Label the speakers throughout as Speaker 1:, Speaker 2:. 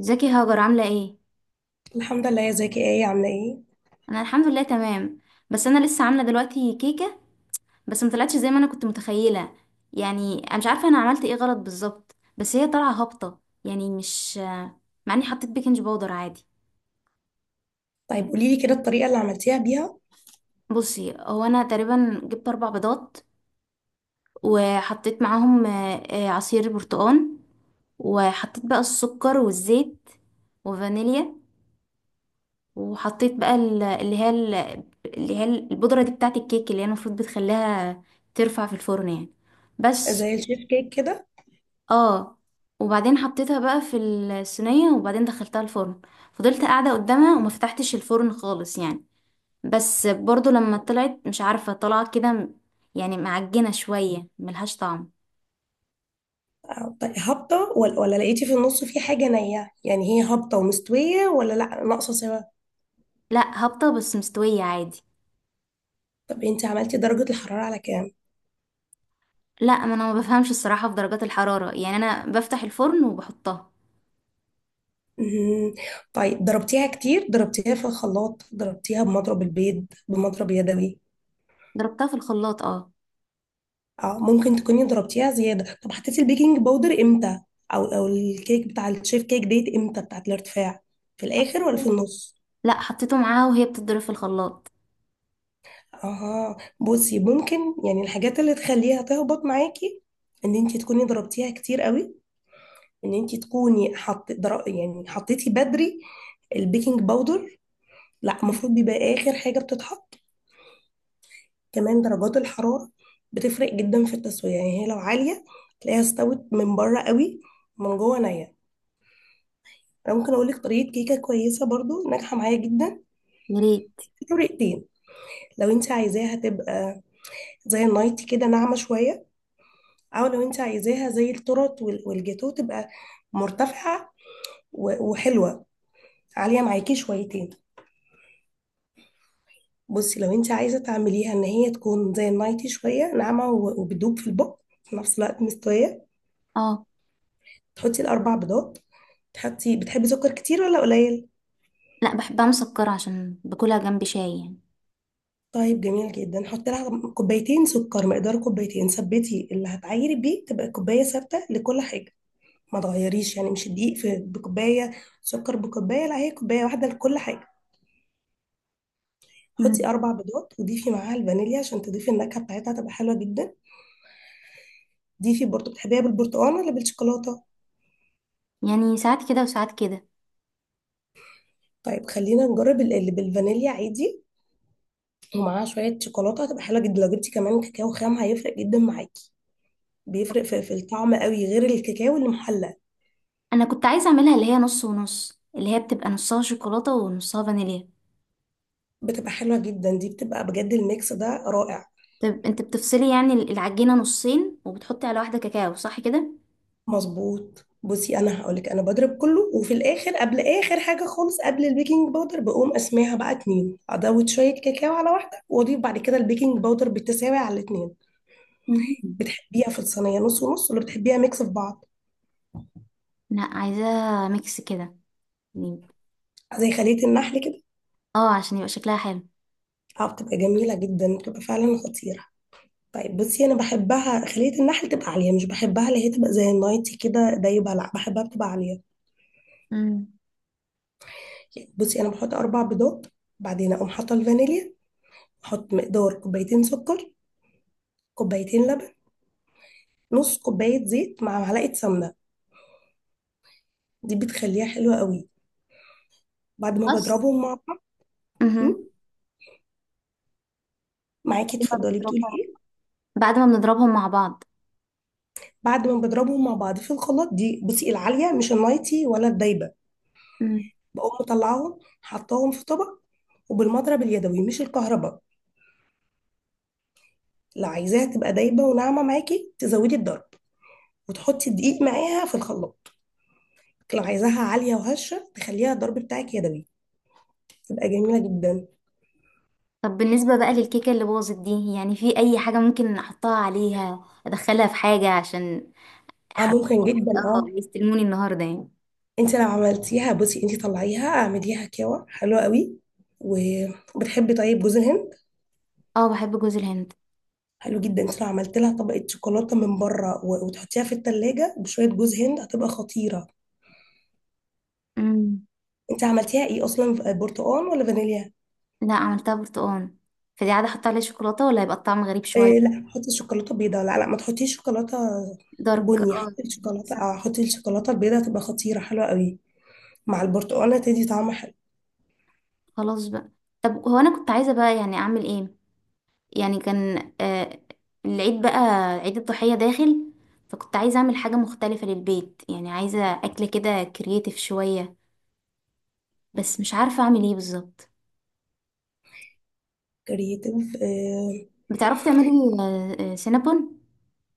Speaker 1: ازيك يا هاجر عامله ايه؟
Speaker 2: الحمد لله يا زكي، ايه عامله ايه؟
Speaker 1: انا الحمد لله تمام. بس انا لسه عامله دلوقتي كيكه، بس ما طلعتش زي ما انا كنت متخيله. يعني انا مش عارفه انا عملت ايه غلط بالظبط، بس هي طالعه هابطه يعني مش، مع اني حطيت بيكنج باودر عادي.
Speaker 2: طيب، قولي لي كده الطريقه اللي عملتيها بيها.
Speaker 1: بصي، هو انا تقريبا جبت اربع بيضات وحطيت معاهم عصير برتقال، وحطيت بقى السكر والزيت وفانيليا، وحطيت بقى ال- اللي هي ال- اللي هي البودرة دي بتاعت الكيك، اللي هي المفروض بتخليها ترفع في الفرن يعني. بس
Speaker 2: زي الشيف كيك كده؟
Speaker 1: اه، وبعدين حطيتها بقى في الصينية، وبعدين دخلتها الفرن. فضلت قاعدة قدامها وما فتحتش الفرن خالص يعني، بس برضو لما طلعت مش عارفة طلعت كده يعني معجنة شوية ملهاش طعم.
Speaker 2: طيب، هابطه ولا لقيتي في النص في حاجه نيه؟ يعني هي هابطه ومستويه ولا لا، ناقصه سوا؟
Speaker 1: لا هابطة بس مستوية عادي.
Speaker 2: طب انت عملتي درجه الحراره على كام؟
Speaker 1: لا، ما انا ما بفهمش الصراحة في درجات الحرارة، يعني انا بفتح الفرن وبحطها.
Speaker 2: مهم. طيب، ضربتيها كتير؟ ضربتيها في الخلاط؟ ضربتيها بمضرب البيض؟ بمضرب يدوي؟
Speaker 1: ضربتها في الخلاط، اه.
Speaker 2: اه ممكن تكوني ضربتيها زيادة. طب حطيتي البيكنج باودر امتى؟ او او الكيك بتاع الشيف كيك ديت امتى بتاعت الارتفاع، في الاخر ولا في النص؟
Speaker 1: لا، حطيته معاها وهي بتضرب في الخلاط.
Speaker 2: اها، بصي ممكن. يعني الحاجات اللي تخليها تهبط معاكي، ان انت تكوني ضربتيها كتير قوي، ان انت تكوني يعني حطيتي بدري البيكنج باودر. لا، المفروض بيبقى اخر حاجة بتتحط. كمان درجات الحرارة بتفرق جدا في التسوية، يعني هي لو عالية تلاقيها استوت من بره قوي، من جوه نية. انا ممكن اقول لك طريقه كيكه كويسه برضو ناجحه معايا جدا.
Speaker 1: يا ريت.
Speaker 2: في طريقتين: لو انت عايزاها تبقى زي النايتي كده ناعمه شويه، او لو انت عايزاها زي التورت والجاتو، تبقى مرتفعه وحلوه، عاليه معاكي شويتين. بصي، لو انت عايزه تعمليها ان هي تكون زي النايتي شويه ناعمه وبتدوب في البق في نفس الوقت مستويه،
Speaker 1: اه،
Speaker 2: تحطي الاربع بيضات. تحطي، بتحبي سكر كتير ولا قليل؟
Speaker 1: لا بحبها مسكرة عشان باكلها جنب شاي يعني.
Speaker 2: طيب، جميل جدا، حط لها كوبايتين سكر، مقدار كوبايتين. ثبتي اللي هتعيري بيه، تبقى الكوبايه ثابته لكل حاجه، ما تغيريش، يعني مش الدقيق في بكوبايه سكر بكوبايه، لا، هي كوبايه واحده لكل حاجه. حطي
Speaker 1: مم.
Speaker 2: اربع بيضات وضيفي معاها الفانيليا عشان تضيفي النكهه بتاعتها، تبقى حلوه جدا. ضيفي برضه، بتحبيها بالبرتقال ولا بالشوكولاته؟
Speaker 1: يعني ساعات كده وساعات كده.
Speaker 2: طيب، خلينا نجرب اللي بالفانيليا عادي، ومعاها شويه شوكولاته، هتبقى حلوه جدا. لو جبتي كمان كاكاو خام هيفرق جدا معاكي، بيفرق في الطعم قوي، غير الكاكاو اللي محلى.
Speaker 1: انا كنت عايزة اعملها اللي هي نص ونص، اللي هي بتبقى نصها شوكولاتة ونصها فانيليا.
Speaker 2: بتبقى حلوة جدا دي، بتبقى بجد الميكس ده رائع.
Speaker 1: طب انت بتفصلي يعني العجينة نصين وبتحطي على واحدة كاكاو، صح كده؟
Speaker 2: مظبوط. بصي انا هقولك، انا بضرب كله، وفي الاخر قبل اخر حاجه خالص قبل البيكنج باودر، بقوم اسميها بقى اتنين، ازود شويه كاكاو على واحده، واضيف بعد كده البيكنج باودر بالتساوي على الاتنين.
Speaker 1: مم.
Speaker 2: بتحبيها في الصينيه نص ونص، ولا بتحبيها ميكس في بعض؟
Speaker 1: لا، عايزاها ميكس كده يعني.
Speaker 2: زي خليه النحل كده.
Speaker 1: اه عشان يبقى شكلها حلو.
Speaker 2: اه، بتبقى جميله جدا، بتبقى فعلا خطيره. طيب بصي، انا بحبها خليه النحل تبقى عاليه، مش بحبها اللي هي تبقى زي النايتي كده دايبه، لا بحبها بتبقى عاليه.
Speaker 1: مم.
Speaker 2: بصي انا بحط اربع بيضات، بعدين اقوم حاطه الفانيليا، احط مقدار كوبايتين سكر، كوبايتين لبن، نص كوبايه زيت مع معلقه سمنه، دي بتخليها حلوه قوي، بعد ما
Speaker 1: بس.
Speaker 2: بضربهم مع بعض. م?
Speaker 1: مهم.
Speaker 2: معاكي،
Speaker 1: بعد ما
Speaker 2: اتفضلي، بتقولي
Speaker 1: بنضربها،
Speaker 2: ايه؟
Speaker 1: بعد ما بنضربهم مع بعض.
Speaker 2: بعد ما بضربهم مع بعض في الخلاط، دي بصي العاليه مش النايتي ولا الدايبه، بقوم مطلعاهم حطاهم في طبق، وبالمضرب اليدوي مش الكهرباء. لو عايزاها تبقى دايبه وناعمه معاكي، تزودي الضرب وتحطي الدقيق معاها في الخلاط. لو عايزاها عاليه وهشه، تخليها الضرب بتاعك يدوي، تبقى جميلة جدا.
Speaker 1: طب بالنسبة بقى للكيكة اللي باظت دي، يعني في أي حاجة ممكن أحطها عليها، أدخلها في حاجة، عشان
Speaker 2: اه،
Speaker 1: حرفيا
Speaker 2: ممكن جدا،
Speaker 1: اه
Speaker 2: اه.
Speaker 1: يستلموني النهاردة يعني.
Speaker 2: انت لو عملتيها بصي، انت طلعيها اعمليها كاوة حلوة قوي. وبتحبي طيب جوز الهند؟
Speaker 1: اه بحب جوز الهند.
Speaker 2: حلو جدا. انت لو عملت لها طبقة شوكولاتة من بره وتحطيها في التلاجة بشوية جوز هند، هتبقى خطيرة.
Speaker 1: امم.
Speaker 2: انت عملتيها ايه اصلا؟ برتقال ولا فانيليا؟
Speaker 1: لا، عملتها برتقال. فدي عادة أحط عليها شوكولاتة، ولا هيبقى الطعم غريب شوية؟
Speaker 2: إيه، لا، حطي شوكولاتة بيضاء، لا لا، ما تحطيش شوكولاتة
Speaker 1: دارك،
Speaker 2: بني،
Speaker 1: اه.
Speaker 2: حطي الشوكولاتة،
Speaker 1: حسن.
Speaker 2: اه حطي الشوكولاتة البيضاء، هتبقى خطيرة حلوة قوي، مع البرتقالة تدي طعم حلو.
Speaker 1: خلاص بقى. طب هو أنا كنت عايزة بقى يعني أعمل إيه؟ يعني كان آه، العيد بقى، عيد الضحية داخل، فكنت عايزة أعمل حاجة مختلفة للبيت. يعني عايزة أكلة كده كرييتيف شوية، بس مش عارفة أعمل إيه بالظبط.
Speaker 2: كرياتيف؟
Speaker 1: بتعرفي تعملي سينابون؟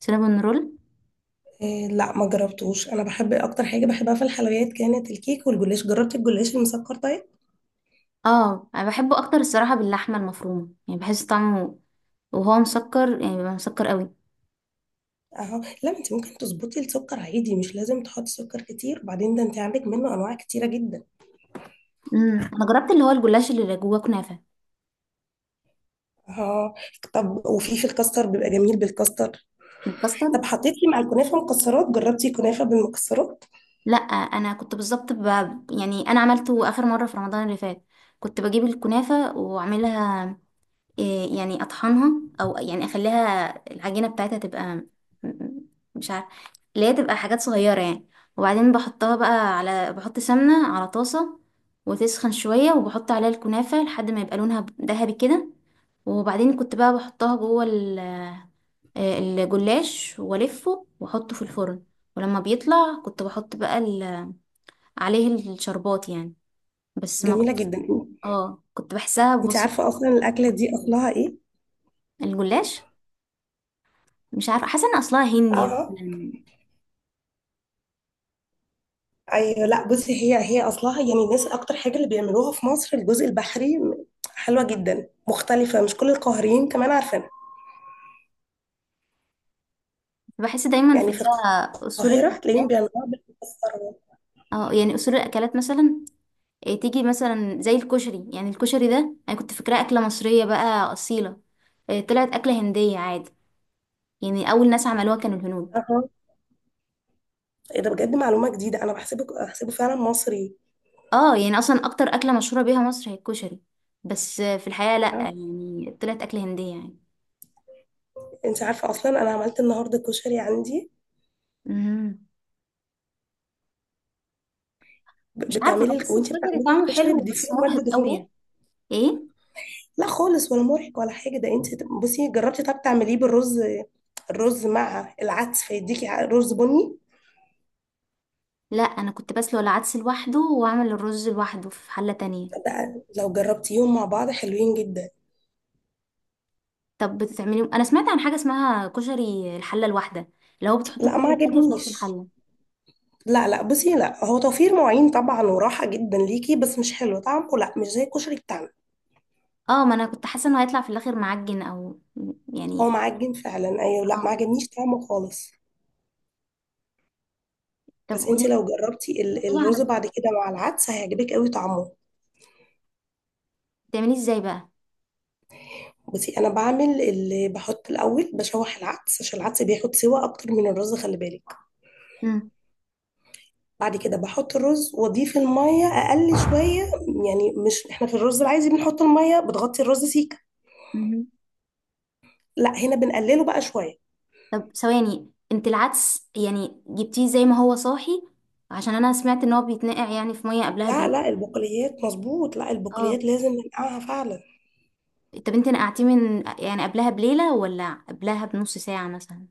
Speaker 1: سينابون رول.
Speaker 2: إيه، لا ما جربتوش. انا بحب اكتر حاجه بحبها في الحلويات كانت الكيك والجلاش، جربت الجلاش المسكر؟ طيب،
Speaker 1: اه انا بحبه اكتر الصراحه باللحمه المفرومه، يعني بحس طعمه، وهو مسكر يعني بيبقى مسكر قوي.
Speaker 2: اهو. لا، انت ممكن تظبطي السكر عادي، مش لازم تحطي سكر كتير، وبعدين ده انت عندك منه انواع كتيره جدا.
Speaker 1: امم، انا جربت اللي هو الجلاش اللي جواه كنافه.
Speaker 2: اهو. طب، وفي الكاستر بيبقى جميل بالكاستر.
Speaker 1: الكاسترد.
Speaker 2: طب حطيتي مع الكنافه مكسرات؟ جربتي كنافه بالمكسرات؟
Speaker 1: لا، انا كنت بالظبط يعني انا عملته اخر مره في رمضان اللي فات. كنت بجيب الكنافه واعملها إيه، يعني اطحنها، او يعني اخليها العجينه بتاعتها تبقى م- م- مش عارفه، اللي هي تبقى حاجات صغيره يعني. وبعدين بحطها بقى على، بحط سمنه على طاسه وتسخن شويه، وبحط عليها الكنافه لحد ما يبقى لونها ذهبي كده. وبعدين كنت بقى بحطها جوه الجلاش، والفه واحطه في الفرن. ولما بيطلع كنت بحط بقى عليه الشربات يعني. بس ما
Speaker 2: جميله
Speaker 1: كنت،
Speaker 2: جدا.
Speaker 1: اه كنت بحسها
Speaker 2: انت عارفه
Speaker 1: بسيطه.
Speaker 2: اصلا الاكله دي
Speaker 1: كويس.
Speaker 2: اصلها ايه؟
Speaker 1: الجلاش، مش عارفة، حاسة ان اصلها هندي
Speaker 2: اهو.
Speaker 1: مثلاً.
Speaker 2: ايوه، لا بصي، هي هي اصلها، يعني الناس اكتر حاجه اللي بيعملوها في مصر الجزء البحري، حلوه جدا مختلفه، مش كل القاهريين كمان عارفينها،
Speaker 1: بحس دايما في
Speaker 2: يعني
Speaker 1: اللي
Speaker 2: في
Speaker 1: هي اصول
Speaker 2: القاهره هتلاقيهم
Speaker 1: الاكلات.
Speaker 2: بيعملوها
Speaker 1: اه يعني اصول الاكلات مثلا إيه، تيجي مثلا زي الكشري. يعني الكشري ده انا كنت فاكراه اكلة مصرية بقى اصيلة إيه، طلعت اكلة هندية عادي، يعني اول ناس عملوها كانوا الهنود.
Speaker 2: أها. ايه ده، بجد معلومه جديده، انا بحسبه فعلا مصري.
Speaker 1: اه يعني اصلا اكتر اكلة مشهورة بيها مصر هي الكشري، بس آه، في الحقيقة لا
Speaker 2: آه.
Speaker 1: يعني طلعت اكلة هندية يعني.
Speaker 2: انت عارفه اصلا انا عملت النهارده كشري عندي.
Speaker 1: مم. مش عارفة،
Speaker 2: بتعملي
Speaker 1: بحس
Speaker 2: وانت
Speaker 1: الكشري
Speaker 2: بتعملي
Speaker 1: طعمه
Speaker 2: الكشري
Speaker 1: حلو
Speaker 2: بتضيفي
Speaker 1: بس
Speaker 2: له
Speaker 1: مرهق
Speaker 2: ماده
Speaker 1: قوي.
Speaker 2: دهنيه؟
Speaker 1: ايه،
Speaker 2: لا خالص، ولا مرهق ولا حاجه، ده انت بصي جربتي، طب تعمليه بالرز، الرز مع العدس، فيديكي رز بني.
Speaker 1: لا انا كنت بسلق العدس لوحده واعمل الرز لوحده في حلة تانية.
Speaker 2: ده لو جربتيهم مع بعض حلوين جدا.
Speaker 1: طب بتتعملي، انا سمعت عن حاجه اسمها كشري الحله الواحده، اللي هو بتحطي
Speaker 2: لا، ما
Speaker 1: كل حاجه في نفس
Speaker 2: عجبنيش.
Speaker 1: الحله.
Speaker 2: لا لا بصي، لا، هو توفير مواعين طبعا وراحة جدا ليكي، بس مش حلو طعمه، لا مش زي الكشري بتاعنا.
Speaker 1: اه، ما انا كنت حاسه انه هيطلع في الاخر معجن او
Speaker 2: هو
Speaker 1: يعني.
Speaker 2: معجن فعلا، ايوه، لا،
Speaker 1: اه.
Speaker 2: ما عجبنيش طعمه خالص.
Speaker 1: طب
Speaker 2: بس انت
Speaker 1: قولي،
Speaker 2: لو جربتي
Speaker 1: قولي
Speaker 2: الرز
Speaker 1: على،
Speaker 2: بعد كده مع العدس هيعجبك قوي طعمه.
Speaker 1: بتعمليه ازاي بقى؟
Speaker 2: بصي انا بعمل، اللي بحط الاول بشوح العدس عشان العدس بياخد سوا اكتر من الرز، خلي بالك.
Speaker 1: مم.
Speaker 2: بعد كده بحط الرز واضيف الميه اقل شويه، يعني مش احنا في الرز العادي بنحط الميه بتغطي الرز سيكه،
Speaker 1: مهم.
Speaker 2: لا هنا بنقلله بقى شويه.
Speaker 1: طب ثواني، انت العدس يعني جبتيه زي ما هو صاحي، عشان انا سمعت ان هو بيتنقع يعني في ميه قبلها
Speaker 2: لا
Speaker 1: بيوم.
Speaker 2: لا، البقوليات مظبوط، لا
Speaker 1: اه.
Speaker 2: البقوليات لازم ننقعها فعلا.
Speaker 1: طب انت نقعتيه من يعني قبلها بليله، ولا قبلها بنص ساعه مثلا؟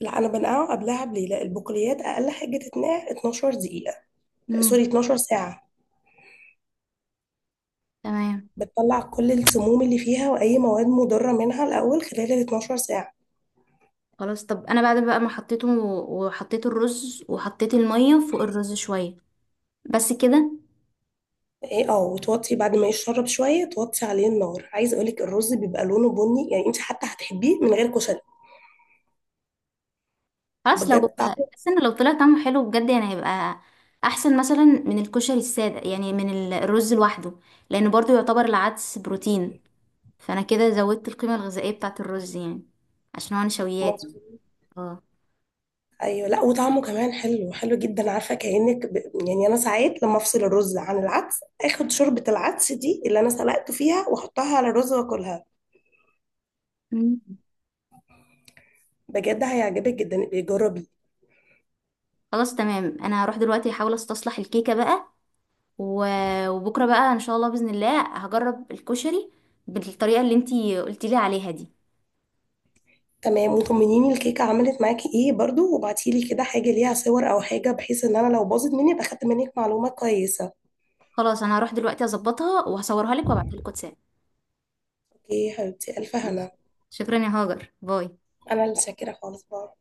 Speaker 2: لا، انا بنقعه قبلها بليله، لا البقوليات اقل حاجه تتنقع 12 دقيقه،
Speaker 1: امم.
Speaker 2: سوري، 12 ساعه.
Speaker 1: تمام.
Speaker 2: بتطلع كل السموم اللي فيها واي مواد مضره منها الاول خلال ال 12 ساعه.
Speaker 1: خلاص، طب انا بعد بقى ما حطيته وحطيت الرز وحطيت الميه فوق الرز شويه، بس كده.
Speaker 2: ايه، اه، وتوطي بعد ما يشرب شويه توطي عليه النار. عايز اقولك الرز بيبقى لونه بني، يعني انت حتى هتحبيه من غير كشري،
Speaker 1: خلاص، لو،
Speaker 2: بجد طعمه
Speaker 1: بس ان لو طلع طعمه حلو بجد يعني هيبقى احسن مثلا من الكشري الساده، يعني من الرز لوحده، لانه برضو يعتبر العدس بروتين، فانا كده زودت القيمه الغذائيه بتاعه الرز يعني، عشان هو نشويات يعني.
Speaker 2: مظبوط.
Speaker 1: اه.
Speaker 2: ايوه لا، وطعمه كمان حلو، حلو جدا. عارفه كانك يعني انا ساعات لما افصل الرز عن العدس، اخد شوربه العدس دي اللي انا سلقته فيها واحطها على الرز واكلها.
Speaker 1: مم.
Speaker 2: بجد هيعجبك جدا، ابقي جربي.
Speaker 1: خلاص تمام، انا هروح دلوقتي احاول استصلح الكيكه بقى، وبكره بقى ان شاء الله باذن الله هجرب الكشري بالطريقه اللي انتي قلتي لي عليها دي.
Speaker 2: تمام، وطمنيني الكيكه عملت معاكي ايه برضو، وابعتيلي كده حاجه ليها صور او حاجه، بحيث ان انا لو باظت مني ابقى خدت منك معلومه كويسه.
Speaker 1: خلاص، انا هروح دلوقتي اظبطها وهصورها لك وابعتها لك واتساب.
Speaker 2: اوكي يا حبيبتي، الف
Speaker 1: ماشي.
Speaker 2: هنا.
Speaker 1: شكرا يا هاجر، باي.
Speaker 2: انا اللي شاكره خالص بقى.